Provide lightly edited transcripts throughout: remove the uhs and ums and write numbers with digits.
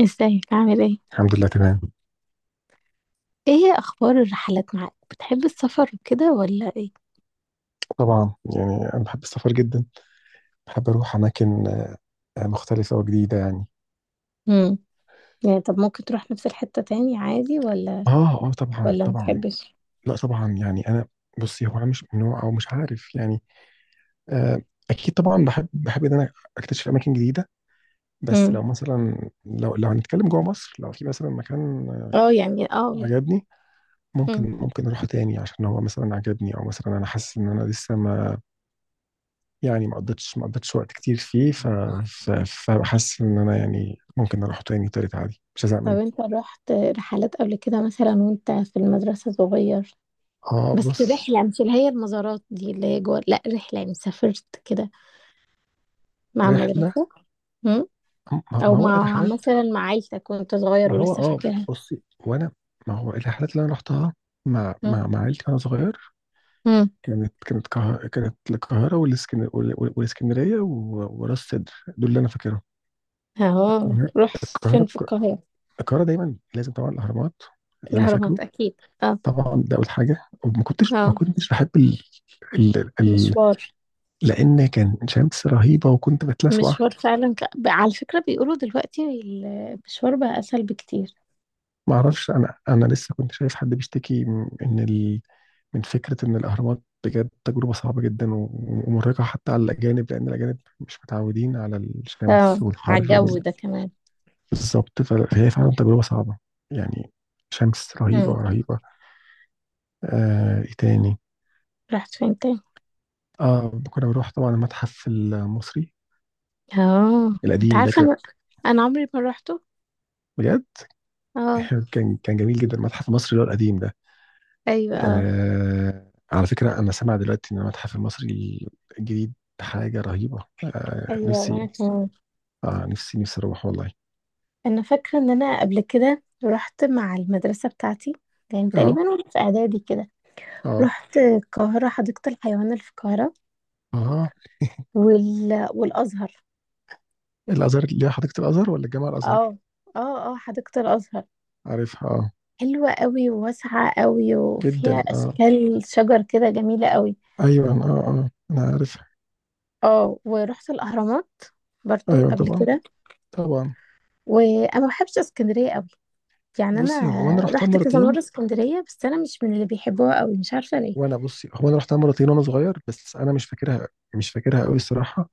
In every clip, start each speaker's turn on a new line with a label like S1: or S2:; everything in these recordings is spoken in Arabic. S1: ازيك؟ عامل ايه؟
S2: الحمد لله تمام.
S1: ايه اخبار الرحلات معاك؟ بتحب السفر وكده ولا ايه؟
S2: طبعا يعني انا بحب السفر جدا. بحب اروح اماكن مختلفه وجديده يعني.
S1: امم يعني طب ممكن تروح نفس الحتة تاني عادي ولا
S2: اه، اه، طبعا،
S1: ولا ما
S2: طبعا.
S1: تحبش؟
S2: لا طبعا يعني انا. بصي هو انا مش من نوع او مش عارف يعني. آه. اكيد طبعا بحب ان انا اكتشف اماكن جديده. بس
S1: امم.
S2: لو مثلا لو هنتكلم جوه مصر لو في مثلا مكان
S1: اه يعني اه.
S2: عجبني.
S1: امم.
S2: ممكن اروحه تاني عشان هو مثلا عجبني او مثلا انا حاسس ان انا لسه ما، يعني ما قضيتش وقت كتير فيه
S1: آه.
S2: ف... فحاسس ان انا يعني ممكن اروح تاني تالت عادي مش هزهق
S1: طب
S2: منه.
S1: انت رحت رحلات قبل كده مثلا وانت في المدرسة صغير؟
S2: اه
S1: بس
S2: بص.
S1: رحلة مش اللي هي المزارات دي اللي هي جوه، لا رحلة يعني سافرت كده مع
S2: رحله.
S1: المدرسة. امم.
S2: ما
S1: او
S2: هو
S1: مع
S2: رحلات.
S1: مثلا مع عيلتك وانت
S2: ما
S1: صغير
S2: هو
S1: ولسه
S2: اه.
S1: فاكرها؟
S2: بصي وانا. ما هو الرحلات اللي انا رحتها مع مع
S1: امم.
S2: مع عيلتي وانا صغير.
S1: امم
S2: كانت القاهره والاسكندريه وراس سدر، دول اللي انا فاكرهم.
S1: اهو،
S2: القاهره.
S1: رحت فين
S2: القاهره.
S1: في القاهرة؟
S2: القاهره دايما لازم طبعا الاهرامات، اللي انا فاكره.
S1: الأهرامات أكيد، اه.
S2: طبعا ده اول حاجه. وما كنتش ما
S1: اه،
S2: كنتش بحب ال...
S1: مشوار.
S2: لان كان شمس رهيبه وكنت بتلسوع.
S1: مشوار فعلا، على فكرة بيقولوا دلوقتي المشوار بقى أسهل بكتير.
S2: ما اعرفش انا لسه كنت شايف حد بيشتكي من ان من فكره ان الاهرامات بجد تجربه صعبه جدا ومرهقه حتى على الاجانب لان الاجانب مش متعودين على الشمس
S1: اه، على
S2: والحر
S1: الجو ده كمان.
S2: بالظبط فهي فعلا تجربه صعبه يعني. شمس رهيبه
S1: مم.
S2: رهيبه. ايه تاني.
S1: رحت فين تاني؟
S2: اه كنا بنروح طبعا المتحف المصري
S1: اه، انت
S2: القديم ده
S1: عارفة
S2: كان
S1: انا عمري ما روحته.
S2: بجد.
S1: اه.
S2: كان جميل جدا المتحف المصري اللي هو القديم ده.
S1: ايوه، اه.
S2: على فكرة أنا سامع دلوقتي إن المتحف المصري الجديد حاجة رهيبة.
S1: ايوه وانا
S2: نفسي.
S1: كمان.
S2: نفسي أروح والله.
S1: انا فاكرة ان انا قبل كده رحت مع المدرسة بتاعتي، يعني
S2: آه،
S1: تقريبا وانا في اعدادي كده.
S2: آه،
S1: رحت القاهرة حديقة الحيوان اللي في القاهرة
S2: آه.
S1: والازهر.
S2: الأزهر اللي هي حديقة الأزهر ولا جامع الأزهر؟
S1: اه. اه، اه، حديقة الازهر.
S2: عارفها آه.
S1: حلوة قوي وواسعة قوي وفيها
S2: جدا آه.
S1: أشكال شجر كده جميلة قوي.
S2: أيوة، آه، آه، أنا عارفها.
S1: اه، ورحت الأهرامات برضو
S2: أيوة
S1: قبل
S2: طبعا.
S1: كده.
S2: طبعا.
S1: وأنا ما بحبش اسكندرية قوي، يعني
S2: بصي هو أنا
S1: أنا
S2: رحتها
S1: رحت كذا
S2: مرتين
S1: مرة اسكندرية بس أنا مش من اللي بيحبوها قوي، مش عارفة ليه.
S2: وأنا. بصي هو أنا رحتها مرتين وأنا صغير بس أنا مش فاكرها، مش فاكرها قوي الصراحة.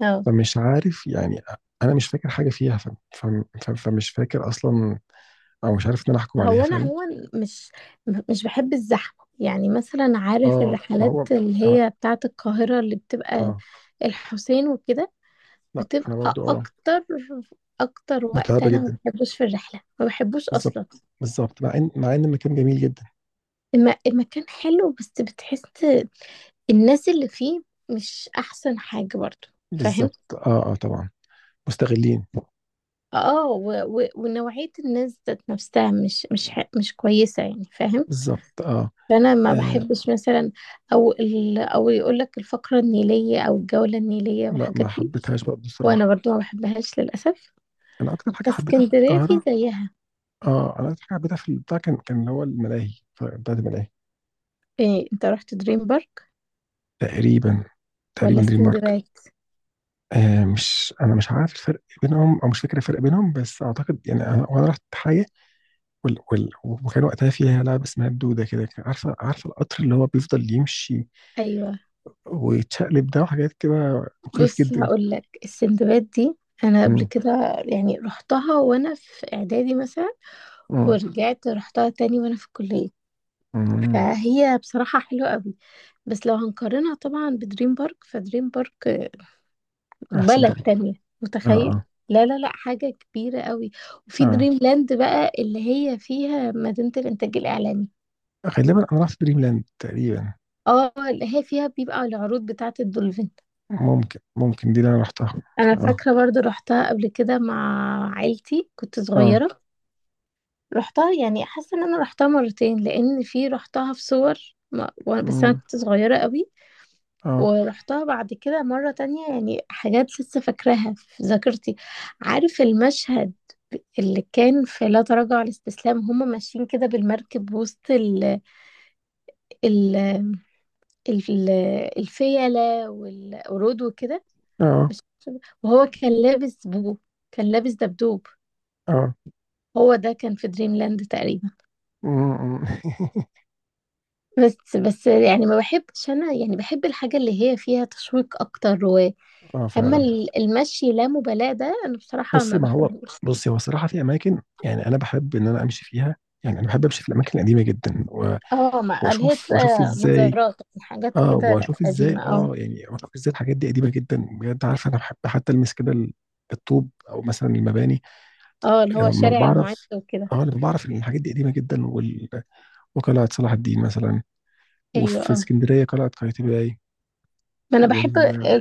S1: اه.
S2: فمش عارف يعني. أنا مش فاكر حاجة فيها فمش فاكر أصلا، او مش عارف ان انا احكم عليها
S1: هو أنا
S2: فعلا.
S1: عموما مش مش بحب الزحمة، يعني مثلا عارف
S2: اه ما
S1: الرحلات
S2: هو
S1: اللي
S2: أنا-
S1: هي بتاعة القاهرة اللي بتبقى
S2: اه.
S1: الحسين وكده،
S2: لا انا برضو
S1: بتبقى
S2: اه.
S1: أكتر وقت
S2: متعبه
S1: أنا
S2: جدا.
S1: ما بحبوش في الرحلة، ما بحبوش أصلا.
S2: بالظبط. بالظبط مع ان المكان جميل جدا.
S1: المكان حلو بس بتحس الناس اللي فيه مش احسن حاجة برضو، فاهم؟
S2: بالظبط، اه، اه، طبعا. مستغلين.
S1: اه، ونوعية الناس ذات نفسها مش كويسة يعني، فاهم؟
S2: بالظبط آه.
S1: فانا ما
S2: اه
S1: بحبش مثلا، او يقول لك الفقرة النيلية او الجولة النيلية
S2: لا
S1: والحاجات
S2: ما
S1: دي.
S2: حبيتهاش برضه الصراحه.
S1: وانا برضو ما بحبهاش للاسف،
S2: انا اكتر حاجه
S1: بس
S2: حبيتها في
S1: اسكندرية في
S2: القاهره.
S1: زيها.
S2: اه انا اكتر حاجه حبيتها في البتاع كان اللي هو الملاهي بتاعت الملاهي.
S1: إيه، انت رحت دريم بارك
S2: تقريبا.
S1: ولا
S2: تقريبا دريم بارك.
S1: استندباد؟
S2: مش انا مش عارف الفرق بينهم او مش فاكر الفرق بينهم بس اعتقد يعني انا وانا رحت حاجه وكان وقتها فيها لعبة اسمها الدودة كده كان عارفة القطر اللي هو بيفضل يمشي
S1: ايوه،
S2: ويتشقلب ده وحاجات كده. مخيف
S1: بص
S2: جدا.
S1: هقول لك، السندباد دي انا قبل
S2: مم.
S1: كده، يعني رحتها وانا في اعدادي مثلا،
S2: مم.
S1: ورجعت رحتها تاني وانا في الكليه،
S2: مم.
S1: فهي بصراحه حلوه قوي. بس لو هنقارنها طبعا بدريم بارك، فدريم بارك
S2: أحسن
S1: بلد
S2: طبعا.
S1: تانية.
S2: آه،
S1: متخيل؟
S2: آه.
S1: لا لا لا، حاجه كبيره قوي. وفي
S2: آه
S1: دريم لاند بقى اللي هي فيها مدينه الانتاج الاعلامي.
S2: غالبا أنا رحت دريم لاند تقريبا.
S1: اه، اللي هي فيها بيبقى العروض بتاعه الدولفين.
S2: ممكن دي اللي أنا رحتها.
S1: انا
S2: آه،
S1: فاكره برضو رحتها قبل كده مع عيلتي، كنت
S2: آه.
S1: صغيره. رحتها يعني، حاسه ان انا رحتها مرتين لان في رحتها في صور. بس انا
S2: مم.
S1: كنت صغيره قوي.
S2: آه،
S1: ورحتها بعد كده مره تانية، يعني حاجات لسه فاكراها في ذاكرتي. عارف المشهد اللي كان في لا تراجع على الاستسلام، هما ماشيين كده بالمركب وسط ال ال ال الفيلة والقرود وكده،
S2: آه،
S1: وهو كان لابس دبدوب.
S2: آه.
S1: هو ده كان في دريم لاند تقريبا.
S2: مم.
S1: بس يعني ما بحبش انا، يعني بحب الحاجة اللي هي فيها تشويق اكتر. و
S2: آه
S1: اما
S2: فعلا.
S1: المشي لا مبالاة ده انا بصراحة ما
S2: بصي ما هو.
S1: بحبوش.
S2: بصي هو صراحة في أماكن يعني أنا بحب إن أنا أمشي فيها. يعني أنا بحب أمشي في الأماكن القديمة جدا
S1: اه، ما اللي هي
S2: وأشوف
S1: بتبقى
S2: إزاي.
S1: مزارات حاجات
S2: اه
S1: كده
S2: واشوف ازاي
S1: قديمة، اه.
S2: واشوف ازاي الحاجات دي قديمه جدا بجد عارف انا بحب حتى المس كده الطوب او مثلا المباني.
S1: اه، اللي هو
S2: لما
S1: شارع المعز
S2: بعرف.
S1: وكده.
S2: اه لما بعرف ان الحاجات دي قديمه جدا وقلعه صلاح الدين مثلا
S1: ايوه،
S2: وفي
S1: اه.
S2: اسكندريه قلعه قايتباي
S1: ما انا بحب،
S2: وال...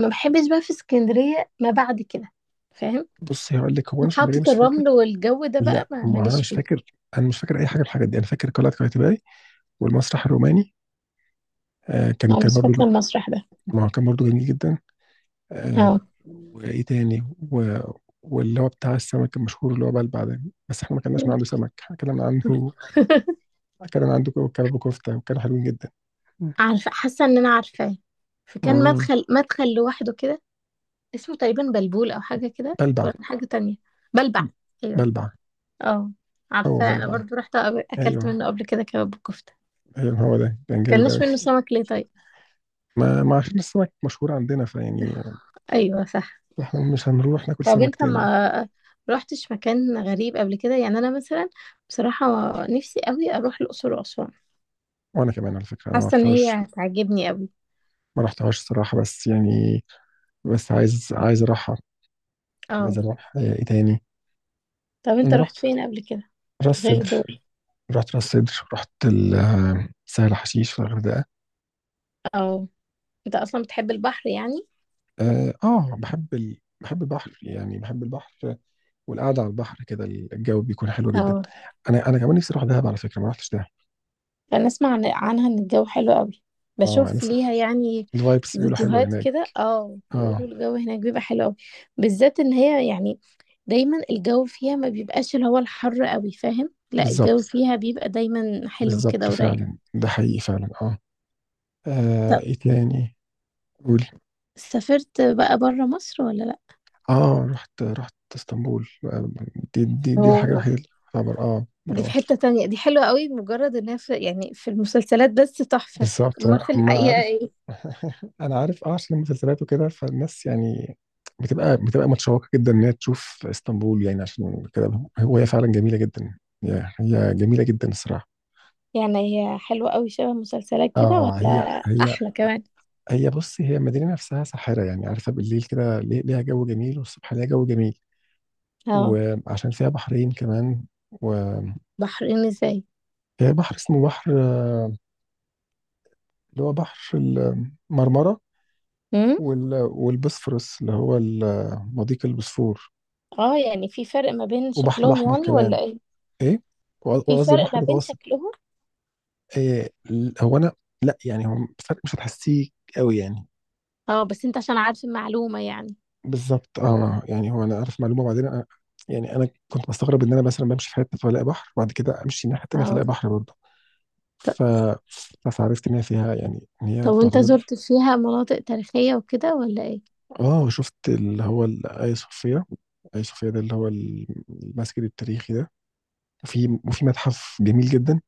S1: ما بحبش بقى في اسكندرية ما بعد كده، فاهم؟
S2: بص هقول لك هو انا اسكندريه
S1: محطة
S2: مش فاكر.
S1: الرمل والجو ده بقى
S2: لا
S1: ما
S2: ما هو انا
S1: ماليش
S2: مش
S1: فيه.
S2: فاكر. انا مش فاكر اي حاجه من الحاجات دي. انا فاكر قلعه قايتباي والمسرح الروماني. كان
S1: انا
S2: كان
S1: مش فاكرة
S2: برضه.
S1: المسرح ده.
S2: ما هو كان برضه جميل جدا. آه.
S1: اه.
S2: وايه تاني؟ و... واللي هو بتاع السمك المشهور اللي هو بلبع ده. بس احنا ما كناش من عنده سمك. احنا كلنا عنده كلنا عنده كباب وكفته وكانوا حلوين جدا.
S1: عارفة، حاسة ان انا عارفاه، فكان
S2: مم.
S1: مدخل لوحده كده، اسمه تقريبا بلبول او حاجه كده،
S2: بلبع.
S1: ولا كان حاجه تانية؟ بلبع. ايوه.
S2: بلبع.
S1: اه،
S2: هو
S1: عارفه انا
S2: بلبع.
S1: برضو رحت اكلت
S2: ايوه.
S1: منه قبل كده كباب وكفته.
S2: ايوه هو ده كان جامد
S1: كلناش
S2: قوي.
S1: منه سمك ليه طيب؟
S2: ما عشان السمك مشهور عندنا فيعني.
S1: ايوه، صح.
S2: احنا مش هنروح ناكل
S1: طب
S2: سمك
S1: انت
S2: تاني.
S1: ما رحتش مكان غريب قبل كده؟ يعني انا مثلا بصراحه نفسي قوي اروح الاقصر واسوان،
S2: وانا كمان على فكره انا ما
S1: حاسه ان
S2: رحتهاش.
S1: هي هتعجبني قوي.
S2: ما رحتهاش الصراحه بس يعني، بس عايز اروحها.
S1: اه.
S2: عايز اروح ايه تاني؟
S1: طب انت
S2: انا رحت.
S1: رحت فين قبل كده
S2: راس
S1: غير
S2: سدر.
S1: دول؟
S2: رحت راس سدر. رحت سهل حشيش في الغردقة.
S1: اه، انت اصلا بتحب البحر يعني؟
S2: اه بحب بحب البحر يعني بحب البحر والقعدة على البحر كده الجو بيكون حلو جدا.
S1: اه.
S2: انا كمان نفسي اروح دهب على فكرة ما رحتش دهب.
S1: انا اسمع عنها ان الجو حلو قوي،
S2: اه
S1: بشوف
S2: الناس.
S1: ليها يعني
S2: الفايبس بيقولوا حلوة
S1: فيديوهات
S2: هناك.
S1: كده، اه،
S2: اه
S1: بيقولوا الجو هناك بيبقى حلو قوي، بالذات ان هي يعني دايما الجو فيها ما بيبقاش اللي هو الحر قوي، فاهم؟ لا
S2: بالظبط.
S1: الجو فيها بيبقى دايما حلو
S2: بالظبط
S1: كده ورايق.
S2: فعلا ده حقيقي فعلا اه.
S1: طب
S2: ايه تاني؟ قول.
S1: سافرت بقى بره مصر ولا لا؟
S2: اه رحت اسطنبول دي الحاجة
S1: اوه،
S2: الوحيدة اللي تعتبر
S1: دي
S2: برا
S1: في حتة
S2: مصر.
S1: تانية، دي حلوة قوي مجرد انها في يعني في المسلسلات، بس تحفة.
S2: بالظبط
S1: امال في
S2: ما. انا
S1: الحقيقة
S2: عارف.
S1: ايه؟
S2: انا عارف عشان المسلسلات وكده فالناس يعني بتبقى متشوقه جدا ان هي تشوف اسطنبول يعني عشان كده. هو هي فعلا جميله جدا. هي جميله جدا الصراحه.
S1: يعني هي حلوة قوي شبه مسلسلات كده،
S2: اه
S1: ولا
S2: هي.
S1: احلى كمان؟
S2: هي بص هي المدينه نفسها ساحره يعني عارفه بالليل كده ليها جو جميل والصبح ليها جو جميل
S1: اه،
S2: وعشان فيها بحرين كمان. وهي.
S1: بحرين ازاي؟
S2: بحر اسمه بحر اللي هو بحر المرمره
S1: امم.
S2: والبسفورس اللي هو مضيق البوسفور
S1: اه، يعني في فرق ما بين
S2: وبحر
S1: شكلهم
S2: الاحمر
S1: يعني
S2: كمان.
S1: ولا ايه؟
S2: ايه
S1: في
S2: وقصدي
S1: فرق
S2: بحر
S1: ما بين
S2: متوسط.
S1: شكلهم.
S2: إيه هو انا. لا يعني هو الفرق مش هتحسيه قوي يعني.
S1: اه، بس انت عشان عارف المعلومة يعني.
S2: بالظبط يعني هو انا عارف معلومه وبعدين أنا. يعني انا كنت بستغرب ان انا مثلا بمشي في حته فلاقي بحر وبعد كده امشي الناحيه التانيه فلاقي
S1: اه،
S2: بحر برضه. ف.
S1: ط-
S2: فعرفت ان هي فيها يعني ان
S1: طب
S2: هي
S1: وانت
S2: تعتبر.
S1: زرت فيها مناطق تاريخية وكده ولا ايه؟
S2: اه شفت اللي هو الاي صوفيا. اي صوفيا ده اللي هو المسجد التاريخي ده. وفي متحف جميل جدا.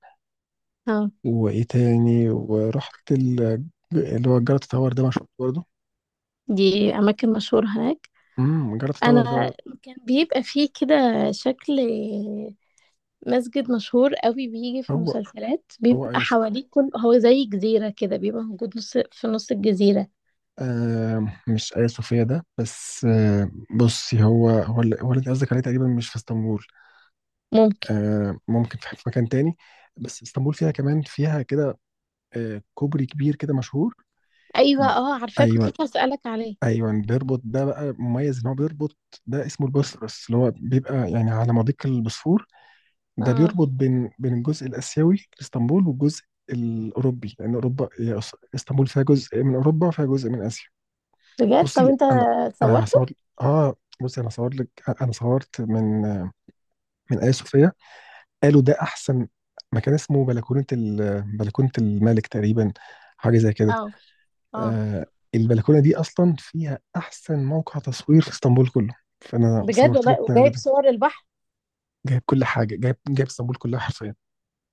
S1: اه،
S2: وايه تاني؟ ورحت اللي هو الجلطة تاور ده مشهور برضه.
S1: دي اماكن مشهورة هناك؟
S2: جرافيك تاور
S1: انا
S2: ده.
S1: كان بيبقى فيه كده شكل مسجد مشهور قوي بيجي في
S2: هو.
S1: مسلسلات،
S2: هو
S1: بيبقى
S2: ايا صوفيا.
S1: حواليه كل هو زي جزيرة كده، بيبقى موجود نص في نص الجزيرة.
S2: مش ايا صوفيا ده بس آه. بصي هو اللي هو اللي انت قصدك عليه تقريبا مش في اسطنبول.
S1: ممكن.
S2: آه ممكن في مكان تاني. بس اسطنبول فيها كمان فيها كده. كوبري كبير كده مشهور.
S1: ايوه، اه، عارفاه كنت
S2: ايوه.
S1: لسه هسألك عليه.
S2: ايوه بيربط ده بقى مميز ان هو بيربط. ده اسمه البوسفورس اللي هو بيبقى يعني على مضيق البوسفور ده
S1: اه،
S2: بيربط بين الجزء الاسيوي لاسطنبول والجزء الاوروبي لان اوروبا هي اسطنبول فيها جزء من اوروبا وفيها جزء من اسيا.
S1: بجد؟ طب
S2: بصي
S1: انت
S2: انا. انا
S1: صورته؟
S2: هصور. اه. بصي انا صور لك. انا صورت من ايا صوفيا. قالوا ده احسن مكان اسمه بلكونه بلكونه الملك تقريبا، حاجه زي كده.
S1: اه. اه،
S2: آه. البلكونه دي اصلا فيها احسن موقع تصوير في اسطنبول كله. فانا
S1: بجد
S2: صورت لك
S1: والله؟
S2: من قبل
S1: وجايب
S2: ده.
S1: صور البحر؟
S2: جايب كل حاجه. جايب اسطنبول كلها حرفيا.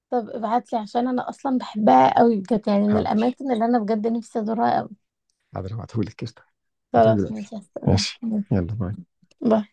S1: طب ابعتلي عشان انا اصلا بحبها قوي بجد، يعني من
S2: حاضر.
S1: الاماكن اللي انا بجد نفسي ازورها قوي.
S2: حاضر هبعتهولك قشطة. هبعتهولك
S1: خلاص،
S2: دلوقتي.
S1: ماشي، هستناك.
S2: ماشي. يلا باي.
S1: باي.